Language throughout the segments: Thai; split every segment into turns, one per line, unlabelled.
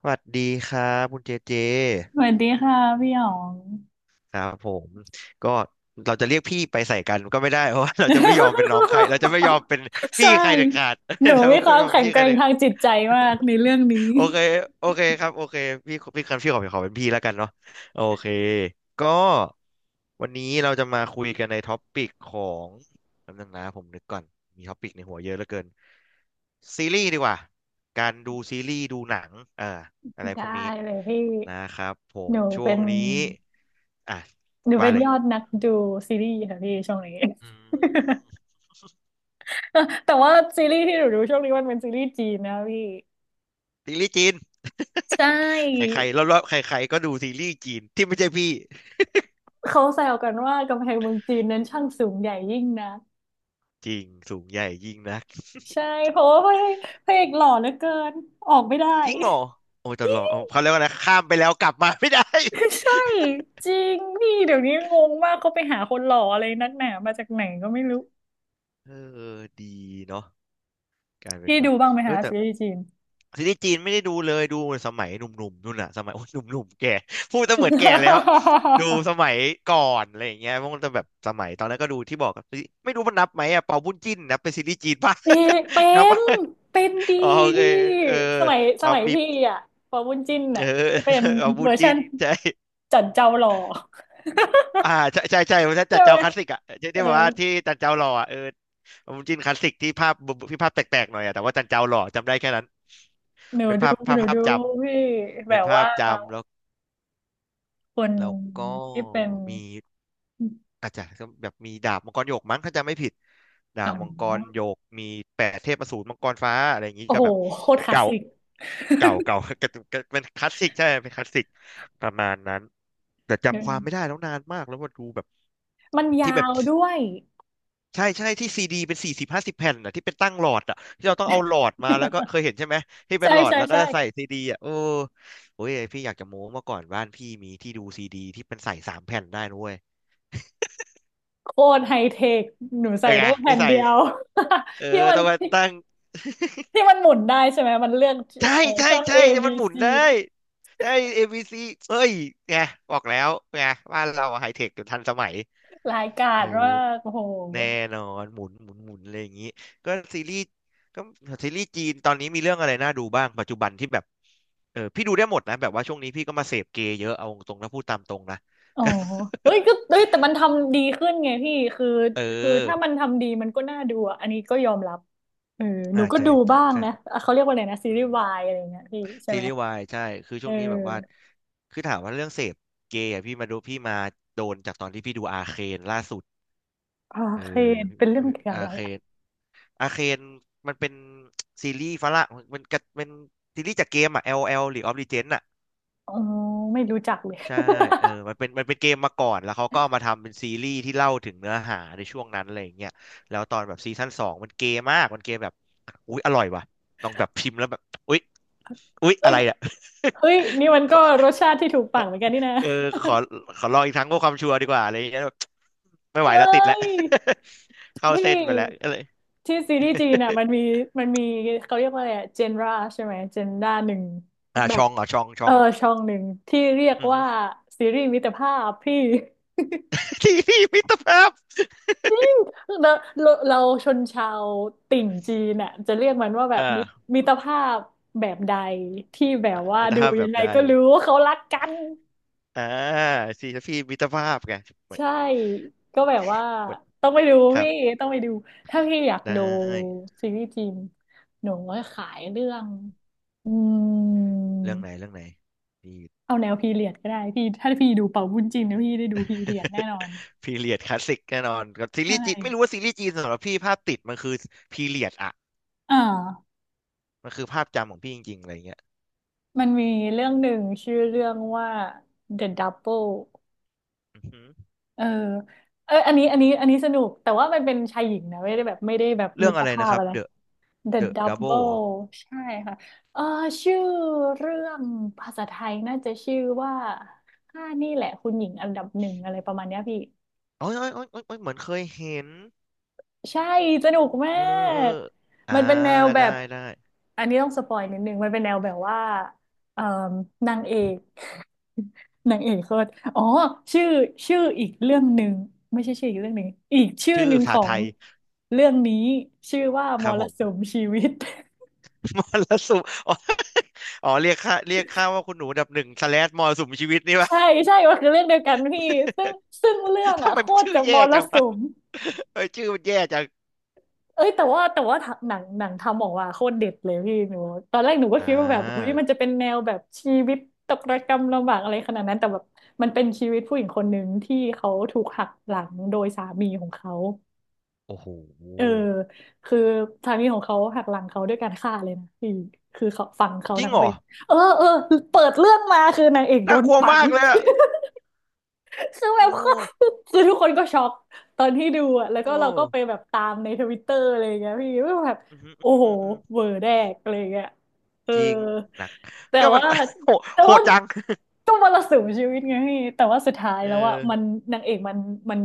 สวัสดีครับคุณเจเจ
สวัสดีค่ะพี่หยอง
ครับผมก็เราจะเรียกพี่ไปใส่กันก็ไม่ได้ เพราะว่าเราจะไม่ยอมเป็นน้องใครเราจะไม่ยอมเป็น พี่
ใช่
ใครเด็ดขาด
หนู
เรา
มีค
ไม่
วาม
ยอม
แข็ง
พี่
แก
ใคร
ร่ง
เด็ด
ทางจิตใจมากในเรื่องนี้
โอเค โอเคครับ โอเค พี่คันพี่ขอเป็นพี่แล้วกันเนาะโอเค ก็วันนี้เราจะมาคุยกันในท็อปปิกของแป๊บนึงนะผมนึกก่อน มีท็อปปิกในหัวเยอะเหลือเกินซีรีส์ดีกว่า การดูซีรีส์ดูหนังเอ่อะไรพ
ได้
วกนี้
เลยพี่
นะครับผ
ห
ม
นู
ช่ว
เป็
ง
น
นี้ อ่ะ
หนูเป็
ว่า
น
เล
ย
ย
อดนักดูซีรีส์ค่ะพี่ช่วงนี้
อืม
แต่ว่าซีรีส์ที่หนูดูช่วงนี้มันเป็นซีรีส์จีนนะพี่
ซีรีส์จีน
ใช ่
ใครๆ รอบๆใครๆก็ดูซีรีส์จีนที่ไม่ใช่พี่
เขาแซวกันว่ากำแพงเมืองจีนนั้นช่างสูงใหญ่ยิ่งนะ
จริงสูงใหญ่ยิ่งนัก
ใช่เพราะว่าพระเอกหล่อเหลือเกินออกไม่ได้
จริงเหรอโอ้ยต่อดเอาเขาเรียกว่านะข้ามไปแล้วกลับมาไม่ได้
ใช่จริงนี่เดี๋ยวนี้งงมากเขาไปหาคนหล่ออะไรนักหนามาจากไหนก็ไม่รู้
เออดีเนาะกลายเป็น
พี่
แบ
ดู
บ
บ้างไหม
เอ
คะ
อแต่
ซีรีส์จีน
ซีรีส์จีนไม่ได้ดูเลยดูสมัยหนุ่มๆนู่นน่ะสมัยโอ้ยหนุ่มๆแก่พูดจะเหมือนแก่แล้วดู สมัยก่อนอะไรอย่างเงี้ยมันจะแบบสมัยตอนนั้นก็ดูที่บอกกับไม่รู้มันนับไหมอะเปาบุญจิ้นนับเป็นซีรีส์จีนป่ะ
พี่ เป็
นับ
น
ป่ะ
เป็นดี
อ๋อโอเค
พี่
เออ
ส
เอา
มัย
บีบ
พี่อ่ะปอบุญจิ้น
เอ
อ่ะ
อ
ที่เป็น
เอาบุ
เวอ
ญ
ร์ชั
จิ้
น
นใช่
จันเจ้าหล่อ
อ่าใช่ใช่ใช่ผม
ใช่
จัด
ไหม
เจ้าคลาสสิกอ่ะที่
เอ
ที่
อ
แบบว่าที่จันเจ้าหล่ออ่ะเออผมจินคลาสสิกที่ภาพที่ภาพแปลกๆหน่อยอ่ะแต่ว่าจันเจ้าหล่อจำได้แค่นั้น
หนู
เป็น
ดู
ภาพภา
ห
พ
นู
ภาพ
ดู
จ
พี่
ำ
แบ
เป็น
บ
ภา
ว่า
พจำแล้ว
คน
แล้วก็
ที่เป็น
มี อาจจะแบบมีดาบมังกรหยกมั้งถ้าจำไม่ผิดดา
อ๋
บมังกรห
อ
ยกมีแปดเทพอสูรมังกรฟ้าอะไรอย่างนี้
โอ้
ก็
โห
แบบ
โคตรคลาส
เก่า
สิก
เก่าเก่า ก็ก็เป็นคลาสสิกใช่เป็นคลาสสิกประมาณนั้นแต่จำความไม่ได้แล้วนานมากแล้วว่าดูแบบ
มัน
ที่
ยา
แบบ
วด้วย
ใช่ใช่ที่ซีดีเป็นสี่สิบห้าสิบแผ่นอ่ะที่เป็นตั้งหลอดอ่ะที่เราต้องเอาหลอดมาแล้วก็เคยเห็นใช่ไหมที่เป็
ใช่
นหลอด
ใช่
แล้วก็
ใช่
จะใส่ซีดีอ่ะโอ้ยพี่อยากจะโม้เมื่อก่อนบ้านพี่มีที่ดูซีดีที่เป็นใส่สามแผ่นได้นุ้ย
โคตรไฮเทคหนู
เอ
ใส่
อไง
ได้แผ่
ที่
น
ใส่
เดียว
เออ
ที่มัน
ต้องมา
ที่
ตั้ง
ที่มันหมุนได้ใช่ไหมมันเลือก
ใช่ใช่
ช่อง A
ใช่จะ
B
มันหมุน
C
ได้ใช่ a ซ c เอ้ยไงบอกแล้วไงบ้านเราไฮเทคอยู่ทันสมัย
รายการ
เอ
ว่า
อ
กโอ้โห
แน่นอนหมุนหมุนหมุนอะไรอย่างนี้ก็ซีรีส์ก็ซีรีส์จีนตอนนี้มีเรื่องอะไรน่าดูบ้างปัจจุบันที่แบบเออพี่ดูได้หมดนะแบบว่าช่วงนี้พี่ก็มาเสพเกย์เยอะเอาตรงนะพูดตามตรงนะ
อ๋อ เฮ้ยก็เฮ้ยแต่มันทำดีขึ้นไงพี่คือ
เอ
คือ
อ
ถ้ามันทำดีมันก็น่าดูอะอันนี้ก็ยอมรับเออหนู
อ่า
ก็
ใช่
ดู
ใช่
บ้าง
ใช่
นะอ่ะเขาเรียกว่าอะไรนะซีรี
อื
ส์
ม
วายอะไรเงี้ยพี่ใช่
ซี
ไหม
รีส์วายใช่คือ
เอ
ช่วงนี้แบบว่า
อ
คือถามว่าเรื่องเสพเกย์อะพี่มาดูพี่มาโดนจากตอนที่พี่ดูอาเคนล่าสุด
โอ
เออ
เค
เดี๋ยวพี่
เป็นเรื่องเกี่ยวกับ
อา
อะไร
เคน
อะ
อาเคนมันเป็นซีรีส์ฝรั่งมันกะเป็นซีรีส์จากเกมอ่ะ LOL หรือ of Legends อะ
อ๋อไม่รู้จักเลย
ใช่เออมันเป็นมันเป็นเกมมาก่อนแล้วเขาก็เอามาทำเป็นซีรีส์ที่เล่าถึงเนื้อหาในช่วงนั้นอะไรอย่างเงี้ยแล้วตอนแบบซีซั่นสองมันเกย์มากมันเกย์แบบอุ๊ยอร่อยว่ะลองแบบพิมพ์แล้วแบบอุ๊ยอุ๊ย
เฮ้
อะ
ย
ไรอะ
เฮ้ยนี่มัน ก็
ข
รสชาติที่ถูกปากเหมือนกันนี่นะ
เออขอขอลองอีกครั้งเพื่อความชัวร์ดีกว่าอะไรอย่างเงี้ยแบบไม่ไหว
เฮ้
แล้วติดแล้ว
ย
เข้า
ที
เส้นไปแล้ว ก็
่
เลย
ที่ซีรีส์จีนอ่ะมันมี มันมีเขาเรียกว่าอะไรเจนราใช่ไหมเจนด้าหนึ่ง
อ่า
แบ
ช
บ
องเหรอะชองช
เอ
อ
อ
ง
ช่องหนึ่งที่เรียก
อือฮึ
ว่าซีรีส์มิตรภาพพี่
ที่พี่มิตรภาพ
จริงเราเราชนชาวติ่งจีนน่ะจะเรียกมันว่าแบบ
อ่า
มิตรภาพแบบใดที่แบบว่า
มิตร
ดู
ภาพแบ
ยั
บ
งไง
ใด
ก็รู้ว่าเขารักกัน
อ่าที่พี่มิตรภาพไงเหมือน
ใช่ก็แบบว่า
เหมือน
ต้องไปดู
ครับ
พี่ต้องไปดูถ้าพี่อยาก
ได้
ดูซีรีส์จีนหนูก็ขายเรื่องอืม
เรื่องไหนเรื่องไหนพี่
เอาแนวพีเรียดก็ได้พี่ถ้าพี่ดูเป่าบุญจีนนะพี่ได้ดูพีเรียดแน่นอน
พีเรียดคลาสสิกแน่นอนกับซี
ใช
รีส์จีนไม่รู้
่
ว่าซีรีส์จีนสำหรับพี่ภาพติดมันคือพีเรียดอะ
อ่า
มันคือภาพจำของพี่จริงๆอะไรอย่างเงี้ย
มันมีเรื่องหนึ่งชื่อเรื่องว่า The Double
อือฮึ
เออเอออันนี้อันนี้สนุกแต่ว่ามันเป็นชายหญิงนะไม่ได้แบบไม่ได้แบบ
เรื่
มิ
อง
ตร
อะไร
ภา
นะ
พ
ครับ
อะไร
The
The
The Double
Double ใช่ค่ะเออชื่อเรื่องภาษาไทยน่าจะชื่อว่าข้านี่แหละคุณหญิงอันดับหนึ่งอะไรประมาณเนี้ยพี่
โอ้ยโอ้ยโอ้ยโอ้ยโอ้ยเหมือนเคยเห็น
ใช่สนุกมา
เออเออ
ก
อ่า
มันเป็นแนวแบ
ได้
บ
ได้
อันนี้ต้องสปอยนิดนึง มันเป็นแนวแบบว่าเอ่อนางเอก นางเอกโคตรอ๋อชื่อชื่ออีกเรื่องหนึ่งไม่ใช่ชื่ออีกเรื่องหนึ่งอีกชื่อ
ชื่อ
หนึ่ง
ภา
ข
ษา
อ
ไท
ง
ย
เรื่องนี้ชื่อว่าม
ครับ
ร
ผม
สุมชีวิต
มรสุมอ๋ออ๋อ เรียกค่าเรียกค่าว่าคุณหนูอันดับหนึ่งสแลชมรสุมชีวิตนี่วะ
ใช่ใช่มันคือเรื่องเดียวกันพี่ ซึ่งซึ่งเรื่อง
ทำ
อ่ะ
ไม
โค
มัน
ตร
ชื่อ
จะม
แย่
ร
จัง
สุ
วะ
ม
เออชื่อมันแย่จัง
เอ้ยแต่ว่าหนังทำออกมาโคตรเด็ดเลยพี่หนูตอนแรกหนูก็
อ่
คิดว่าแบบเฮ้ย
า
มันจะเป็นแนวแบบชีวิตตกระกำลำบากอะไรขนาดนั้นแต่แบบมันเป็นชีวิตผู้หญิงคนหนึ่งที่เขาถูกหักหลังโดยสามีของเขา
โอ้โห
เออคือสามีของเขาหักหลังเขาด้วยการฆ่าเลยนะพี่คือเขาฝังเขา
จริง
ทั้ง
เหร
เป็
อ
นเออเออเปิดเรื่องมาคือนางเอกโด
น่า
น
กลัว
ฝัง
มากเลยอะ
คือแบ
โอ้
บ คือทุกคนก็ช็อกตอนที่ดูอ่ะแล้วก็
โอ้
เราก็ไปแบบตามในทวิตเตอร์อะไรอย่างเงี้ยพี่ว่าแบบ
อืมอืม
โอ้โห
อืมอืม
เวอร์แดกอะไรอย่างเงี้ยเออ
จริงหนัก
แต่
ก็มัน
ว่า
โหด
แต่
โห
ว่า
ดจัง
ก็มรสุมชีวิตไงพี่แต่ว่าสุดท้าย
เอ
แล้วอ่ะ
อ
มันนางเอกมัน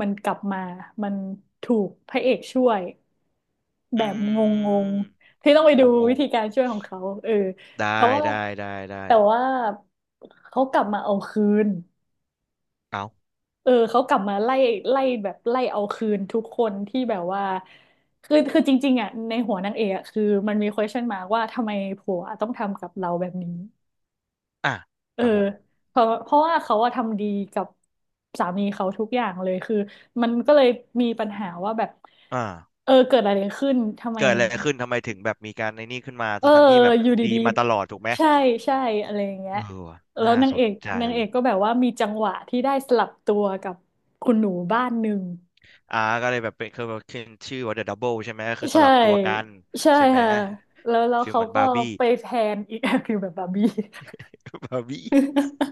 มันกลับมามันถูกพระเอกช่วยแบ
อื
บงง
ม
ๆที่ต้องไป
ง
ดู
ง
วิ
ง
ธีการช่วยของเขาเออแต่
ได้
ว่า
ได้ได้ได้
แต่ว่าเขากลับมาเอาคืน
เอา
เออเขากลับมาไล่ไล่แบบไล่เอาคืนทุกคนที่แบบว่าคือจริงๆอ่ะในหัวนางเอกอะคือมันมี question mark ว่าทำไมผัวต้องทำกับเราแบบนี้
อ่ะ
เอ
ค
อ
รับผม
เพราะว่าเขาอะทำดีกับสามีเขาทุกอย่างเลยคือมันก็เลยมีปัญหาว่าแบบ
อ่า
เออเกิดอะไรขึ้นทำไม
เกิดอะไรขึ้นทำไมถึงแบบมีการในนี่ขึ้นมา
เออ
ทั้งๆที่แบบ
อยู่
ดี
ดี
มาตลอดถูกไหม
ๆใช่ใช่อะไรอย่างเงี้ย
เออว่ะ
แล้ว
น่าสนใจ
นางเอกก็แบบว่ามีจังหวะที่ได้สลับตัวกับคุณหนูบ้านหนึ่ง
อ่าก็เลยแบบเป็นคือแบบขึ้นชื่อว่า The Double ใช่ไหมก็คือส
ใช่
ลับตัวกัน
ใช่
ใช่ไหม
ค่ะแล้ว
ฟีล
เขา
เหมือน
ก็
บาร์บี้
ไปแทนอีก คือแบบบาร์บี้
บาร์บี้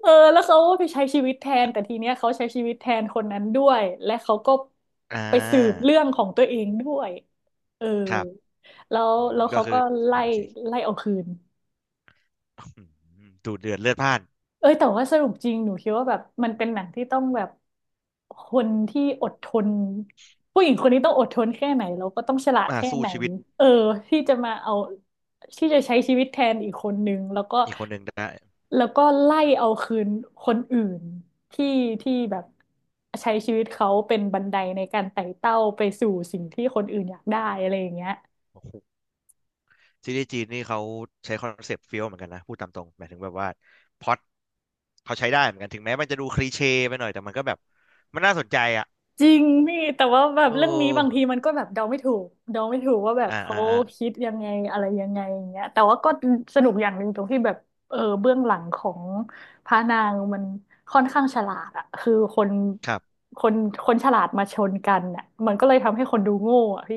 เออแล้วเขาก็ไปใช้ชีวิตแทนแต่ทีเนี้ยเขาใช้ชีวิตแทนคนนั้นด้วยและเขาก็
อ่
ไปสืบ
า
เรื่องของตัวเองด้วยเออ
ครับ
แล้ว
อืม
แล้ว
ก็
เขา
คื
ก็
อ
ไล่
อ่าโอเค
ไล่เอาคืน
อืมดูเดือดเลือดพล่าน
เอ้ยแต่ว่าสรุปจริงหนูคิดว่าแบบมันเป็นหนังที่ต้องแบบคนที่อดทนผู้หญิงคนนี้ต้องอดทนแค่ไหนแล้วก็ต้องฉลาดแค่
สู้
ไหน
ชีวิต
เออที่จะมาเอาที่จะใช้ชีวิตแทนอีกคนนึงแล้วก็
อีกคนหนึ่งได้
แล้วก็ไล่เอาคืนคนอื่นที่ที่แบบใช้ชีวิตเขาเป็นบันไดในการไต่เต้าไปสู่สิ่งที่คนอื่นอยากได้อะไรอย่างเงี้ย
โอ้โห ซีรีส์จีนนี่เขาใช้คอนเซปต์เฟี้ยวเหมือนกันนะพูดตามตรงหมายถึงแบบว่าพล็อตเขาใช้ได้เหมือนกันถึงแม้มันจะดูคลีเช่ไปหน่อยแต่มันก็แบบมันน่าสนใจอ่ะ
จริงพี่แต่ว่าแบบ
โอ
เรื่องนี้บางที
้
มันก็แบบเดาไม่ถูกเดาไม่ถูกว่าแบบ
อ่า
เขา
อ่าอ่า
คิดยังไงอะไรยังไงอย่างเงี้ยแต่ว่าก็สนุกอย่างหนึ่งตรงที่แบบเออเบื้องหลังของพระนางมันค่อนข้างฉลาดอะคือ
ครับ
คนคนฉลาดมาชนกันอะมันก็เลยทำให้คนดูโง่อะพี่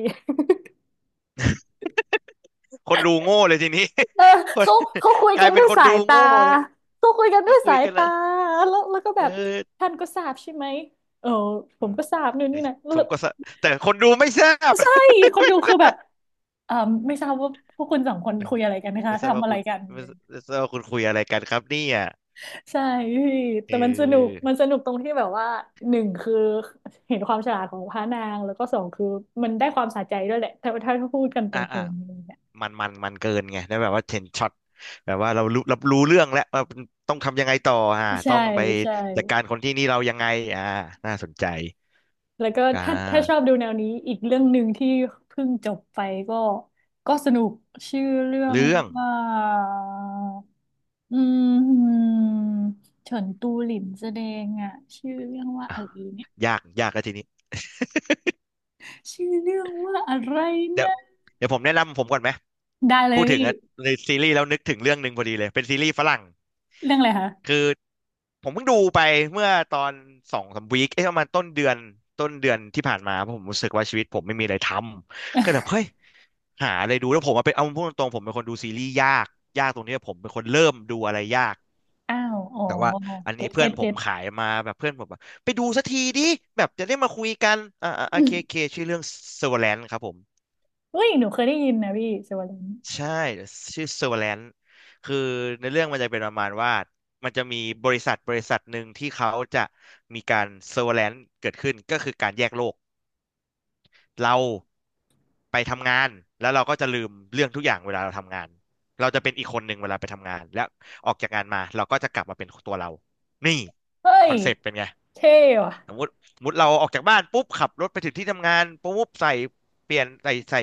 คนดูโง่เลยทีนี้
เออ
คน
เขาเขาคุย
กลา
กั
ย
น
เป็
ด้
น
วย
คน
สา
ดู
ยตา
โง่เลย
เขาคุยกันด้
ก็
วย
คุย
สาย
กันแล้
ตา
ว
แล้วก็แบ
เอ
บ
อ
ท่านก็ทราบใช่ไหมเออผ
อื
ม
ม
ก็ทราบนู่น
ไอ้
นี่
สิ
นะแล้
ผม
ว
ก็สะแต่คนดูไม่ทราบ
ใช่คนดูคือแบบ เอ่อไม่ทราบว่าพวกคุณสองคน
เออ
คุยอะไรกันนะ คะ
ไม่ทราบ
ทำ
ว่า
อะไร
คุณ
กัน
ไม่ทราบว่าคุณคุยอะไรกันครับเนี่ย
ใช่พี่
เ
แต่มันสนุก
ออ
มันสนุกตรงที่แบบว่าหนึ่งคือเห็นความฉลาดของพระนางแล้วก็สองคือมันได้ความสะใจด้วยแหละถ้าพูดกันต
อ่า
ร
อ่า
งๆอะไรเงี้ย
มันเกินไงแล้วแบบว่าเห็นช็อตแบบว่าเรารู้รับรู้เรื่องแล้วว่าต้องทำยังไงต่อต้
ใช่
องไป
ใช่
จัดการคนที่นี่เรายังไงอ่าน่าสนใจ
แล้วก็
อ่
ถ้าชอบ
า
ดูแนวนี้อีกเรื่องหนึ่งที่เพิ่งจบไปก็ก็สนุกชื่อเรื่อง
เรื่อง
ว่าอืมเฉินตูหลินแสดงอ่ะชื่อเรื่องว่า
อ่ะ
อะไรเนี่ย
ยากแล้วทีนี้
ชื่อเรื่องว่าอะไร
เดี๋ยว
นะ
เดี๋ยวผมแนะนำผมก่อนไหม
ได้เลย
พูดถึ
พี่
งอะในซีรีส์แล้วนึกถึงเรื่องหนึ่งพอดีเลยเป็นซีรีส์ฝรั่ง
เรื่องอะไรคะ
คือผมเพิ่งดูไปเมื่อตอนสองสามวีคเอ๊ะประมาณต้นเดือนที่ผ่านมาเพราะผมรู้สึกว่าชีวิตผมไม่มีอะไรทำก็แบบเฮ้ย หาอะไรดูแล้วผมอะเป็นเอาพูดตรงๆผมเป็นคนดูซีรีส์ยากยากตรงนี้ผมเป็นคนเริ่มดูอะไรยาก
อ้าวอ๋อ
แต่ว่าอันนี้
เก็ต
เพื่
เก็
อน
ต
ผ
เก็
ม
ต
ขายมาแบบเพื่อนผมแบบไปดูสักทีดิแบบจะได้มาคุยกันโอ
อืม
เคชื่อเรื่อง Severance ครับผม
เฮ้ยหนูเคยได้ยินนะพี่เซเวอร์ลิน
ใช่ชื่อ Severance คือในเรื่องมันจะเป็นประมาณว่ามันจะมีบริษัทหนึ่งที่เขาจะมีการ Severance เกิดขึ้นก็คือการแยกโลก เราไปทำงานแล้วเราก็จะลืมเรื่องทุกอย่างเวลาเราทำงานเราจะเป็นอีกคนหนึ่งเวลาไปทำงานแล้วออกจากงานมาเราก็จะกลับมาเป็นตัวเรานี่
เฮ้
ค
ย
อนเซปต์เป็นไง
เท่ว่ะ
สมมติเราออกจากบ้านปุ๊บขับรถไปถึงที่ทำงานปุ๊บใส่เปลี่ยนใส่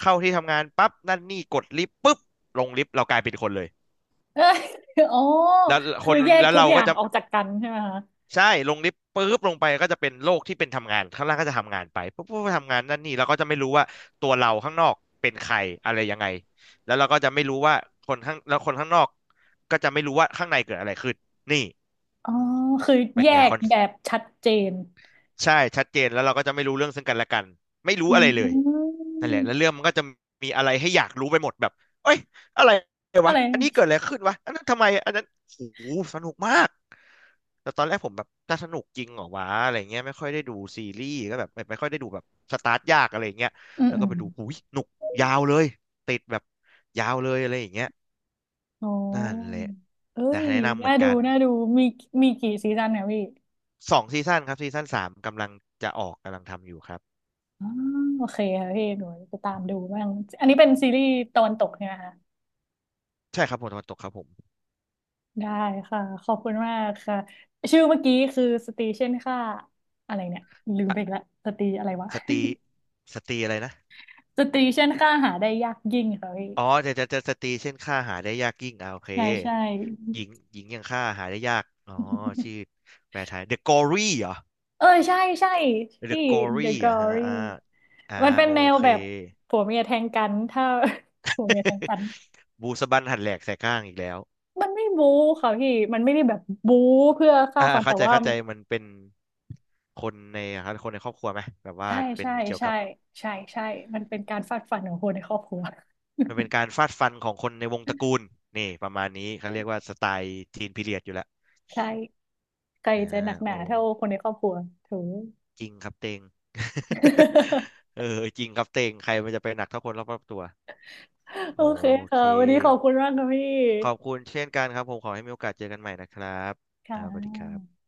เข้าที่ทำงานปั๊บนั่นนี่กดลิฟต์ปุ๊บลงลิฟต์เรากลายเป็นคนเลย
เอ้ยอ๋อ
แล้วค
คือ
น
แยก
แล้ว
ทุก
เรา
อย่า
ก็
ง
จะ
ออกจากกันใช่ไหมคะ
ใช่ลงลิฟต์ปุ๊บลงไปก็จะเป็นโลกที่เป็นทำงานข้างล่างก็จะทำงานไปปุ๊บปุ๊บทำงานนั่นนี่แล้วก็จะไม่รู้ว่าตัวเราข้างนอกเป็นใครอะไรยังไงแล้วเราก็จะไม่รู้ว่าคนข้างแล้วคนข้างนอกก็จะไม่รู้ว่าข้างในเกิดอะไรขึ้นนี่
อ๋อคือ
เป็น
แย
ไงค
ก
อน
แบบชัดเจน
ใช่ชัดเจนแล้วเราก็จะไม่รู้เรื่องซึ่งกันและกันไม่รู้
อื
อะไรเลยนั่นแหละแล้วเรื่
ม
องมันก็จะมีอะไรให้อยากรู้ไปหมดแบบเอ้ยอะไร
อะ
วะ
ไร
อันนี้เกิดอะไรขึ้นวะอันนั้นทำไมอันนั้นโอ้โหสนุกมากแต่ตอนแรกผมแบบจะสนุกจริงเหรอวะอะไรเงี้ยไม่ค่อยได้ดูซีรีส์ก็แบบไม่ค่อยได้ดูแบบสตาร์ทยากอะไรเงี้ย
อืม
แล้ว
อื
ก็
ม
ไปดูหูยหนุกยาวเลยติดแบบยาวเลยอะไรอย่างเงี้ย
อ๋
นั่นแห
อ
ละ
เอ้
นะ
ย
แนะนำเห
น่า
มือน
ดู
กัน
น่าดูมีมีกี่ซีซั่นเนี่ยพี่
2 ซีซั่นครับซีซั่น 3กำลังจะออกกำลังทำอยู่ครับ
อ๋อโอเคค่ะพี่หนูจะตามดูบ้างอันนี้เป็นซีรีส์ตะวันตกเนี่ยนะคะ
ใช่ครับผมตะวันตกครับผม
ได้ค่ะขอบคุณมากค่ะชื่อเมื่อกี้คือสตรีเช่นค่าอะไรเนี่ยลืมไป
อ่ะ
อีกละสตรีอะไรวะ
สตรีอะไรนะ
สตรีเช่นค่าหาได้ยากยิ่งค่ะพี่
อ๋อจะจะจะสตรีเช่นฆ่าหาได้ยากยิ่งโอเค
ใช่ใช่
หญิงอย่างฆ่าหาได้ยากอ๋อชื่อ แปลไทย The g o r y เหรอ
เออใช่ใช่
The g
ที่
o r
The
y อ่ะฮะ
Glory
อ่า
มันเป็น
โอ
แนว
เค
แบบผัวเมียแทงกันถ้า ผัวเมียแทงกัน
บูสบันหันแหลกใส่ข้างอีกแล้ว
มันไม่บู๊ค่ะพี่มันไม่ได้แบบบู๊เพื่อฆ่าฟัน
เข้า
แต่
ใจ
ว่า
เข้าใจมันเป็นคนในครับคนในครอบครัวไหมแบบว่า
ใช่
เป็น
ใช่
เกี่ยว
ใช่
กับ
ใช่ใช่ มันเป็นการฟาดฟันของคนในครอบครัว
มันเป็นการฟาดฟันของคนในวงตระกูลนี่ประมาณนี้เขาเรียกว่าสไตล์ทีนพีเรียดอยู่แล้ว
ใช่ใคร
อ่า
จะหนักห
โอ
นาเท่าคนในครอบครัวถูก
จริงครับเต็ง เออจริงครับเต็งใครมันจะไปหนักเท่าคนรอบๆตัว
โอ
โอ
เคค่ะ
เค
วันนี้ขอบคุณมากค่ะพี่
ขอบคุณเช่นกันครับผมขอให้มีโอกาสเจอกันใหม่นะครับค
ค่ะ
รับสวัสดีครับ